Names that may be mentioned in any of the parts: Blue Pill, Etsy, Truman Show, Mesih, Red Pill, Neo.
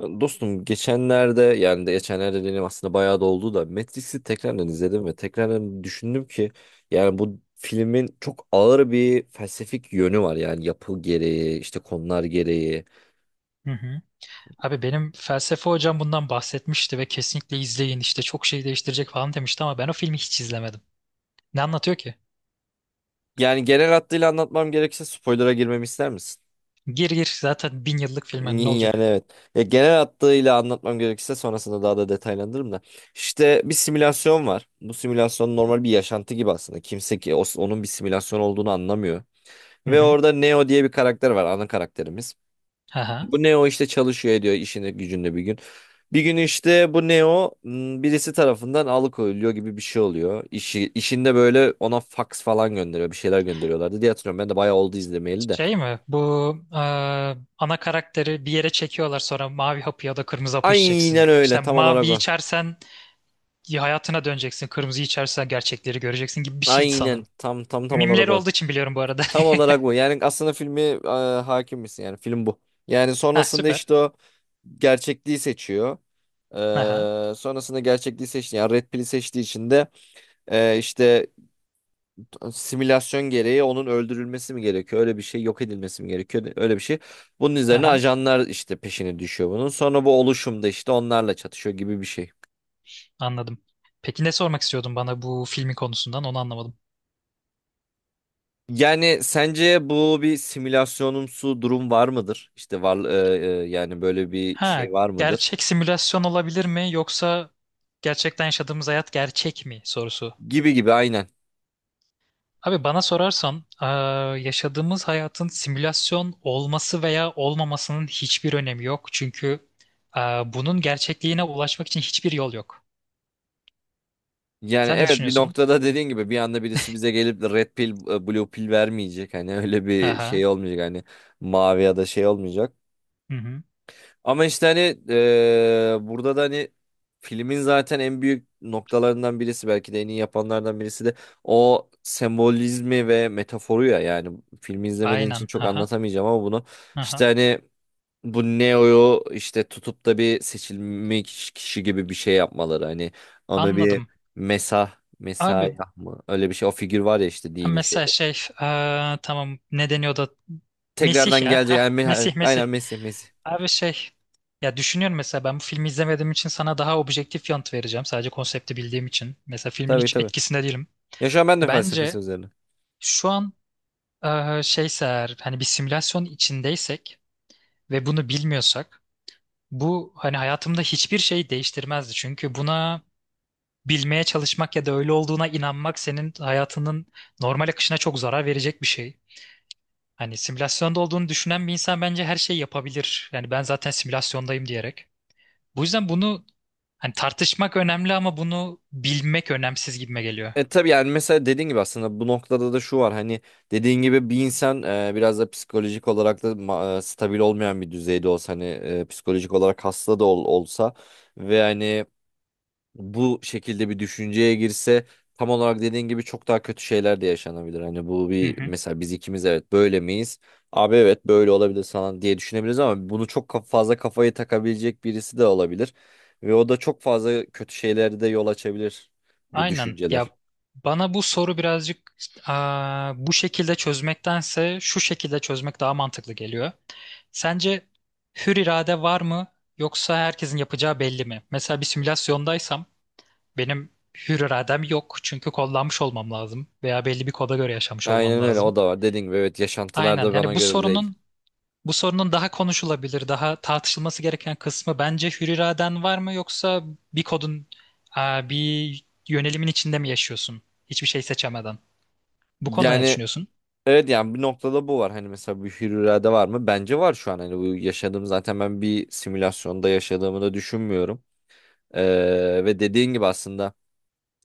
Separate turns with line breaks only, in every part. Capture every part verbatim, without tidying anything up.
Dostum geçenlerde yani de geçenlerde dediğim aslında bayağı da oldu da Matrix'i tekrardan izledim ve tekrardan düşündüm ki yani bu filmin çok ağır bir felsefik yönü var, yani yapı gereği, işte konular gereği.
Hı hı. Abi benim felsefe hocam bundan bahsetmişti ve kesinlikle izleyin işte çok şey değiştirecek falan demişti ama ben o filmi hiç izlemedim. Ne anlatıyor ki?
Yani genel hattıyla anlatmam gerekirse spoiler'a girmemi ister misin?
Gir gir zaten bin yıllık film hani ne
Ni- Yani
olacak?
evet. Ya genel hattıyla anlatmam gerekirse sonrasında daha da detaylandırırım da. İşte bir simülasyon var. Bu simülasyon normal bir yaşantı gibi aslında. Kimse ki o- onun bir simülasyon olduğunu anlamıyor.
Hı
Ve
hı.
orada Neo diye bir karakter var, ana karakterimiz.
Aha.
Bu Neo işte çalışıyor ediyor işinde gücünde bir gün. Bir gün işte bu Neo m, birisi tarafından alıkoyuluyor gibi bir şey oluyor. İşi, işinde böyle ona fax falan gönderiyor, bir şeyler gönderiyorlardı diye hatırlıyorum. Ben de bayağı oldu izlemeyeli de.
Şey mi? Bu e, ana karakteri bir yere çekiyorlar, sonra mavi hapı ya da kırmızı hapı
Aynen
içeceksin. İşte
öyle, tam
mavi
olarak o.
içersen hayatına döneceksin, kırmızı içersen gerçekleri göreceksin gibi bir şeydi
Aynen
sanırım.
tam tam tam olarak
Mimleri
o.
olduğu için biliyorum bu arada.
Tam olarak bu. Yani aslında filmi e, hakim misin? Yani film bu. Yani
Ha,
sonrasında
süper.
işte o gerçekliği seçiyor.
Aha.
Ee, sonrasında gerçekliği seçti. Yani Red Pill'i seçtiği için de e, işte simülasyon gereği onun öldürülmesi mi gerekiyor? Öyle bir şey, yok edilmesi mi gerekiyor? Öyle bir şey. Bunun üzerine
Aha.
ajanlar işte peşine düşüyor bunun. Sonra bu oluşumda işte onlarla çatışıyor gibi bir şey.
Anladım. Peki ne sormak istiyordun bana, bu filmin konusundan onu anlamadım.
Yani sence bu bir simülasyonumsu durum var mıdır? İşte var e, e, yani böyle bir şey
Ha,
var mıdır?
gerçek simülasyon olabilir mi, yoksa gerçekten yaşadığımız hayat gerçek mi sorusu.
Gibi gibi aynen.
Abi bana sorarsan eee, yaşadığımız hayatın simülasyon olması veya olmamasının hiçbir önemi yok. Çünkü eee, bunun gerçekliğine ulaşmak için hiçbir yol yok.
Yani
Sen ne
evet, bir
düşünüyorsun?
noktada dediğin gibi bir anda birisi bize gelip de red pill e, blue pill vermeyecek. Hani öyle bir
Aha.
şey olmayacak, hani mavi ya da şey olmayacak.
Hı hı.
Ama işte hani e, burada da hani filmin zaten en büyük noktalarından birisi, belki de en iyi yapanlardan birisi de o sembolizmi ve metaforu ya, yani filmi izlemediğin için
Aynen.
çok
Aha.
anlatamayacağım ama bunu işte
Aha.
hani bu Neo'yu işte tutup da bir seçilmiş kişi gibi bir şey yapmaları, hani ona bir
Anladım.
Mesah
Abi.
Mesayah mı, öyle bir şey, o figür var ya işte
Ha,
dini
mesela
şeyde.
şey, eee, tamam, ne deniyordu? Mesih
Tekrardan
ya.
gelecek
Hah,
yani Me-
Mesih Mesih.
aynen, Mesih Mesih.
Abi şey, ya düşünüyorum mesela, ben bu filmi izlemediğim için sana daha objektif yanıt vereceğim. Sadece konsepti bildiğim için. Mesela filmin
Tabii
hiç
tabii.
etkisinde değilim.
Ya şu an ben de felsefesi
Bence
üzerine.
şu an, eee, şeyse eğer, hani bir simülasyon içindeysek ve bunu bilmiyorsak, bu hani hayatımda hiçbir şey değiştirmezdi. Çünkü buna bilmeye çalışmak ya da öyle olduğuna inanmak senin hayatının normal akışına çok zarar verecek bir şey. Hani simülasyonda olduğunu düşünen bir insan bence her şeyi yapabilir. Yani ben zaten simülasyondayım diyerek. Bu yüzden bunu hani tartışmak önemli ama bunu bilmek önemsiz gibime geliyor.
E tabii, yani mesela dediğin gibi aslında bu noktada da şu var hani, dediğin gibi bir insan e, biraz da psikolojik olarak da ma- e, stabil olmayan bir düzeyde olsa, hani e, psikolojik olarak hasta da ol- olsa ve hani bu şekilde bir düşünceye girse tam olarak dediğin gibi çok daha kötü şeyler de yaşanabilir. Hani bu
Hı
bir
hı.
mesela, biz ikimiz evet böyle miyiz? Abi evet böyle olabilir falan diye düşünebiliriz ama bunu çok ka- fazla kafayı takabilecek birisi de olabilir ve o da çok fazla kötü şeylere de yol açabilir bu
Aynen. Ya
düşünceler.
bana bu soru birazcık, aa, bu şekilde çözmektense şu şekilde çözmek daha mantıklı geliyor. Sence hür irade var mı, yoksa herkesin yapacağı belli mi? Mesela bir simülasyondaysam benim hür iradem yok, çünkü kodlanmış olmam lazım veya belli bir koda göre yaşamış olmam
Aynen öyle,
lazım.
o da var. Dediğin gibi evet, yaşantılar
Aynen.
da bana
Yani bu
göre değil.
sorunun, bu sorunun daha konuşulabilir, daha tartışılması gereken kısmı bence hür iraden var mı, yoksa bir kodun, aa, bir yönelimin içinde mi yaşıyorsun? Hiçbir şey seçemeden. Bu konuda ne
Yani
düşünüyorsun?
evet, yani bir noktada bu var. Hani mesela bir hür irade var mı? Bence var şu an. Hani bu yaşadığım, zaten ben bir simülasyonda yaşadığımı da düşünmüyorum. Ee, ve dediğin gibi aslında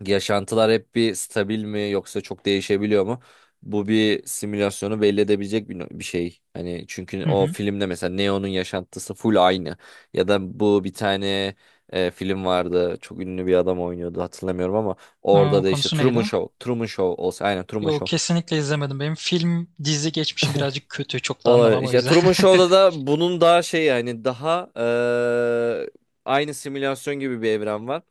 yaşantılar hep bir stabil mi yoksa çok değişebiliyor mu? Bu bir simülasyonu belli edebilecek bir, no, bir şey. Hani çünkü
Hı
o
hı.
filmde mesela Neo'nun yaşantısı full aynı. Ya da bu bir tane e, film vardı. Çok ünlü bir adam oynuyordu, hatırlamıyorum ama orada
Aa,
da işte
konusu
Truman
neydi?
Show. Truman Show olsa, aynen Truman
Yok,
Show.
kesinlikle izlemedim. Benim film dizi geçmişim birazcık kötü. Çok da
Olabilir.
anlamam o
İşte
yüzden.
Truman Show'da da bunun daha şey, yani daha e, aynı simülasyon gibi bir evren var.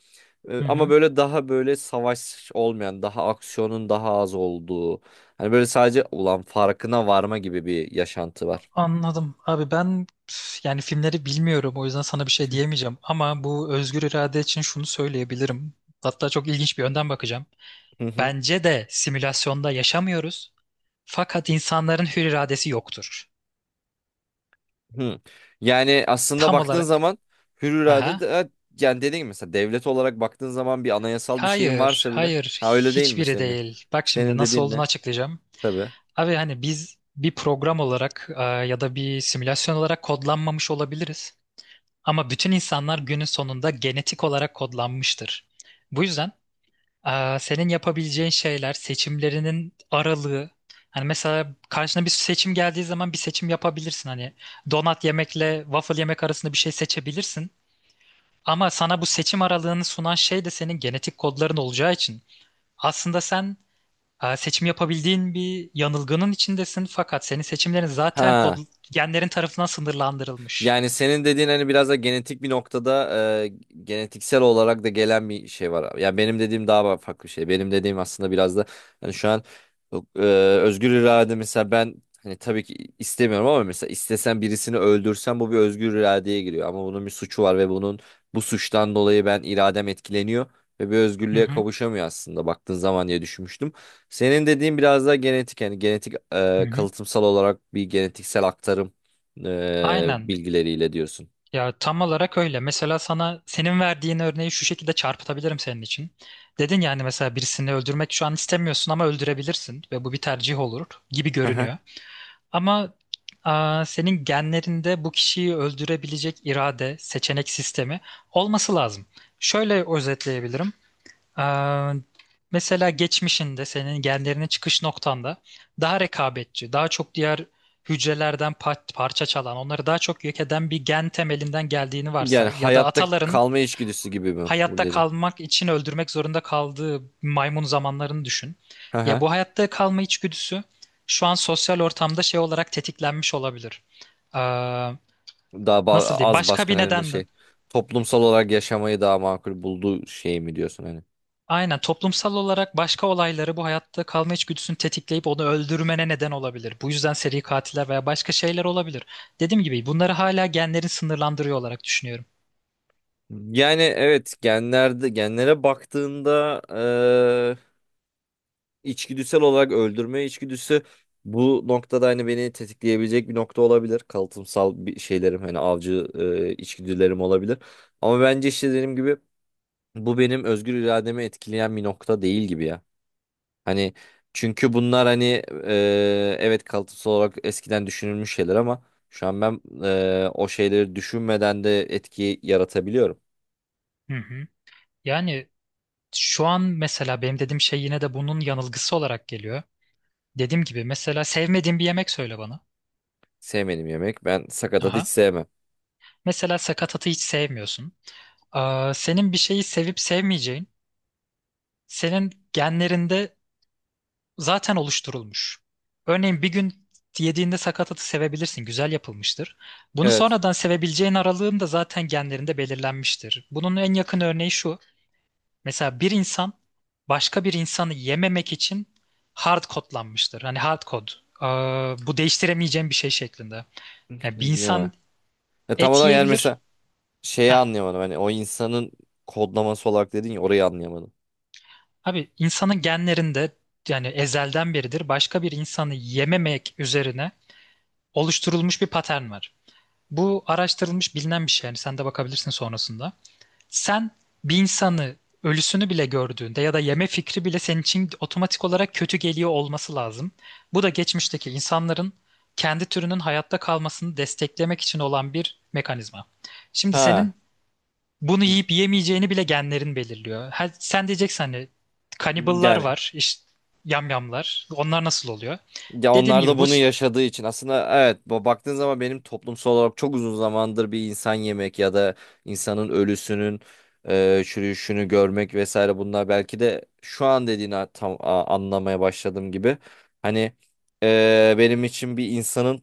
E,
Hı
Ama
hı.
böyle daha böyle savaş olmayan, daha aksiyonun daha az olduğu. Hani böyle sadece ulan farkına varma gibi bir yaşantı var.
Anladım. Abi ben üf, yani filmleri bilmiyorum o yüzden sana bir şey diyemeyeceğim. Ama bu özgür irade için şunu söyleyebilirim. Hatta çok ilginç bir yönden bakacağım.
Hı hı.
Bence de simülasyonda yaşamıyoruz. Fakat insanların hür iradesi yoktur.
hı. Yani aslında
Tam
baktığın
olarak.
zaman hür irade
Aha.
de, evet, yani dediğim gibi mesela devlet olarak baktığın zaman bir anayasal bir şeyin
Hayır,
varsa bile.
hayır,
Ha öyle değil mi
hiçbiri
senin?
değil. Bak şimdi
Senin
nasıl
dediğin
olduğunu
ne?
açıklayacağım.
Tabii.
Abi hani biz bir program olarak e, ya da bir simülasyon olarak kodlanmamış olabiliriz. Ama bütün insanlar günün sonunda genetik olarak kodlanmıştır. Bu yüzden, aa, senin yapabileceğin şeyler, seçimlerinin aralığı. Hani mesela karşına bir seçim geldiği zaman bir seçim yapabilirsin. Hani donat yemekle waffle yemek arasında bir şey seçebilirsin. Ama sana bu seçim aralığını sunan şey de senin genetik kodların olacağı için, aslında sen, aa, seçim yapabildiğin bir yanılgının içindesin, fakat senin seçimlerin zaten kod,
Ha.
genlerin tarafından sınırlandırılmış.
Yani senin dediğin hani biraz da genetik bir noktada e, genetiksel olarak da gelen bir şey var. Ya benim dediğim daha farklı bir şey. Benim dediğim aslında biraz da hani şu an e, özgür irade, mesela ben hani tabii ki istemiyorum ama mesela istesen birisini öldürsen bu bir özgür iradeye giriyor. Ama bunun bir suçu var ve bunun, bu suçtan dolayı ben iradem etkileniyor ve bir
Hı
özgürlüğe
hı,
kavuşamıyor aslında baktığın zaman diye düşünmüştüm. Senin dediğin biraz daha genetik, yani genetik
hı
e,
hı.
kalıtsal olarak bir genetiksel aktarım e,
Aynen.
bilgileriyle diyorsun.
Ya tam olarak öyle. Mesela sana senin verdiğin örneği şu şekilde çarpıtabilirim senin için. Dedin yani mesela birisini öldürmek şu an istemiyorsun ama öldürebilirsin ve bu bir tercih olur gibi
Hı hı.
görünüyor. Ama, aa, senin genlerinde bu kişiyi öldürebilecek irade, seçenek sistemi olması lazım. Şöyle özetleyebilirim. Ee, Mesela geçmişinde senin genlerinin çıkış noktanda daha rekabetçi, daha çok diğer hücrelerden pa- parça çalan, onları daha çok yok eden bir gen temelinden geldiğini
Yani
varsay, ya da
hayatta
ataların
kalma içgüdüsü gibi mi bu
hayatta
dedi.
kalmak için öldürmek zorunda kaldığı maymun zamanlarını düşün.
Hı
Ya
hı.
bu hayatta kalma içgüdüsü şu an sosyal ortamda şey olarak tetiklenmiş olabilir. Ee,
Daha ba-
Nasıl diyeyim?
az
Başka
baskın
bir
hani de
nedenden.
şey, toplumsal olarak yaşamayı daha makul bulduğu şey mi diyorsun hani?
Aynen, toplumsal olarak başka olayları bu hayatta kalma içgüdüsünü tetikleyip onu öldürmene neden olabilir. Bu yüzden seri katiller veya başka şeyler olabilir. Dediğim gibi bunları hala genlerin sınırlandırıyor olarak düşünüyorum.
Yani evet, genlerde genlere baktığında e, içgüdüsel olarak öldürme içgüdüsü bu noktada hani beni tetikleyebilecek bir nokta olabilir. Kalıtsal bir şeylerim, hani avcı e, içgüdülerim olabilir. Ama bence işte dediğim gibi bu benim özgür irademi etkileyen bir nokta değil gibi ya. Hani çünkü bunlar hani e, evet, kalıtsal olarak eskiden düşünülmüş şeyler ama şu an ben e, o şeyleri düşünmeden de etki yaratabiliyorum.
Hı hı. Yani şu an mesela benim dediğim şey yine de bunun yanılgısı olarak geliyor. Dediğim gibi mesela sevmediğin bir yemek söyle bana.
Sevmedim yemek. Ben sakatat hiç
Aha.
sevmem.
Mesela sakatatı hiç sevmiyorsun. Aa, senin bir şeyi sevip sevmeyeceğin, senin genlerinde zaten oluşturulmuş. Örneğin bir gün yediğinde sakatatı sevebilirsin, güzel yapılmıştır. Bunu
Evet.
sonradan sevebileceğin aralığın da zaten genlerinde belirlenmiştir. Bunun en yakın örneği şu. Mesela bir insan başka bir insanı yememek için hard kodlanmıştır. Hani hard kod. Ee, Bu değiştiremeyeceğim bir şey şeklinde. Yani bir insan
Ya. Ya tam
et
olarak, yani
yiyebilir.
mesela şeyi
Heh,
anlayamadım. Hani o insanın kodlaması olarak dedin ya, orayı anlayamadım.
abi insanın genlerinde, yani ezelden beridir başka bir insanı yememek üzerine oluşturulmuş bir patern var. Bu araştırılmış bilinen bir şey. Yani sen de bakabilirsin sonrasında. Sen bir insanı, ölüsünü bile gördüğünde ya da yeme fikri bile senin için otomatik olarak kötü geliyor olması lazım. Bu da geçmişteki insanların kendi türünün hayatta kalmasını desteklemek için olan bir mekanizma. Şimdi
Ha.
senin bunu yiyip yemeyeceğini bile genlerin belirliyor. Ha, sen diyeceksin hani kaniballar
Yani
var, işte yamyamlar. Onlar nasıl oluyor?
ya
Dediğim
onlar da
gibi bu,
bunu yaşadığı için aslında evet, bu- baktığın zaman benim toplumsal olarak çok uzun zamandır bir insan yemek ya da insanın ölüsünün e, çürüyüşünü görmek vesaire, bunlar belki de şu an dediğini a- tam a- anlamaya başladığım gibi. Hani e, benim için bir insanın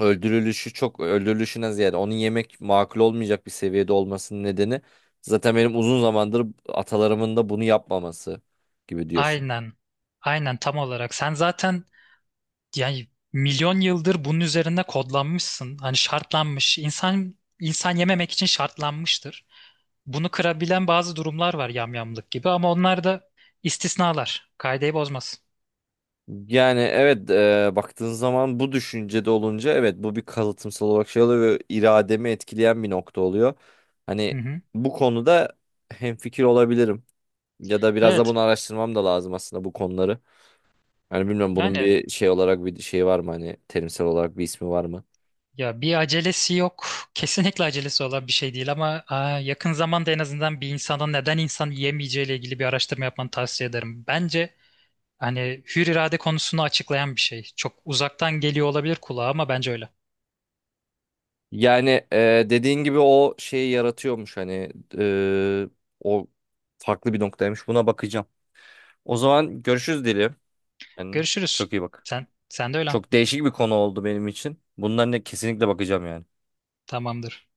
öldürülüşü, çok öldürülüşüne ziyade onun yemek makul olmayacak bir seviyede olmasının nedeni zaten benim uzun zamandır atalarımın da bunu yapmaması gibi diyorsun.
aynen aynen tam olarak, sen zaten, yani milyon yıldır bunun üzerinde kodlanmışsın. Hani şartlanmış. İnsan insan yememek için şartlanmıştır. Bunu kırabilen bazı durumlar var, yamyamlık gibi, ama onlar da istisnalar. Kaideyi bozmaz.
Yani evet, e, baktığın zaman bu düşüncede olunca evet bu bir kalıtımsal olarak şey oluyor ve irademi etkileyen bir nokta oluyor.
Hı
Hani
hı.
bu konuda hemfikir olabilirim ya da biraz da
Evet.
bunu araştırmam da lazım aslında bu konuları. Hani bilmiyorum, bunun
Yani
bir şey olarak bir şey var mı, hani terimsel olarak bir ismi var mı?
ya, bir acelesi yok. Kesinlikle acelesi olan bir şey değil ama, aa, yakın zamanda en azından bir insanın neden insan yiyemeyeceği ile ilgili bir araştırma yapmanı tavsiye ederim. Bence hani hür irade konusunu açıklayan bir şey. Çok uzaktan geliyor olabilir kulağa ama bence öyle.
Yani e, dediğin gibi o şeyi yaratıyormuş hani, e, o farklı bir noktaymış, buna bakacağım. O zaman görüşürüz dilim. Yani
Görüşürüz.
çok iyi bak.
Sen sen de öyle.
Çok değişik bir konu oldu benim için. Bundan ne, kesinlikle bakacağım yani.
Tamamdır.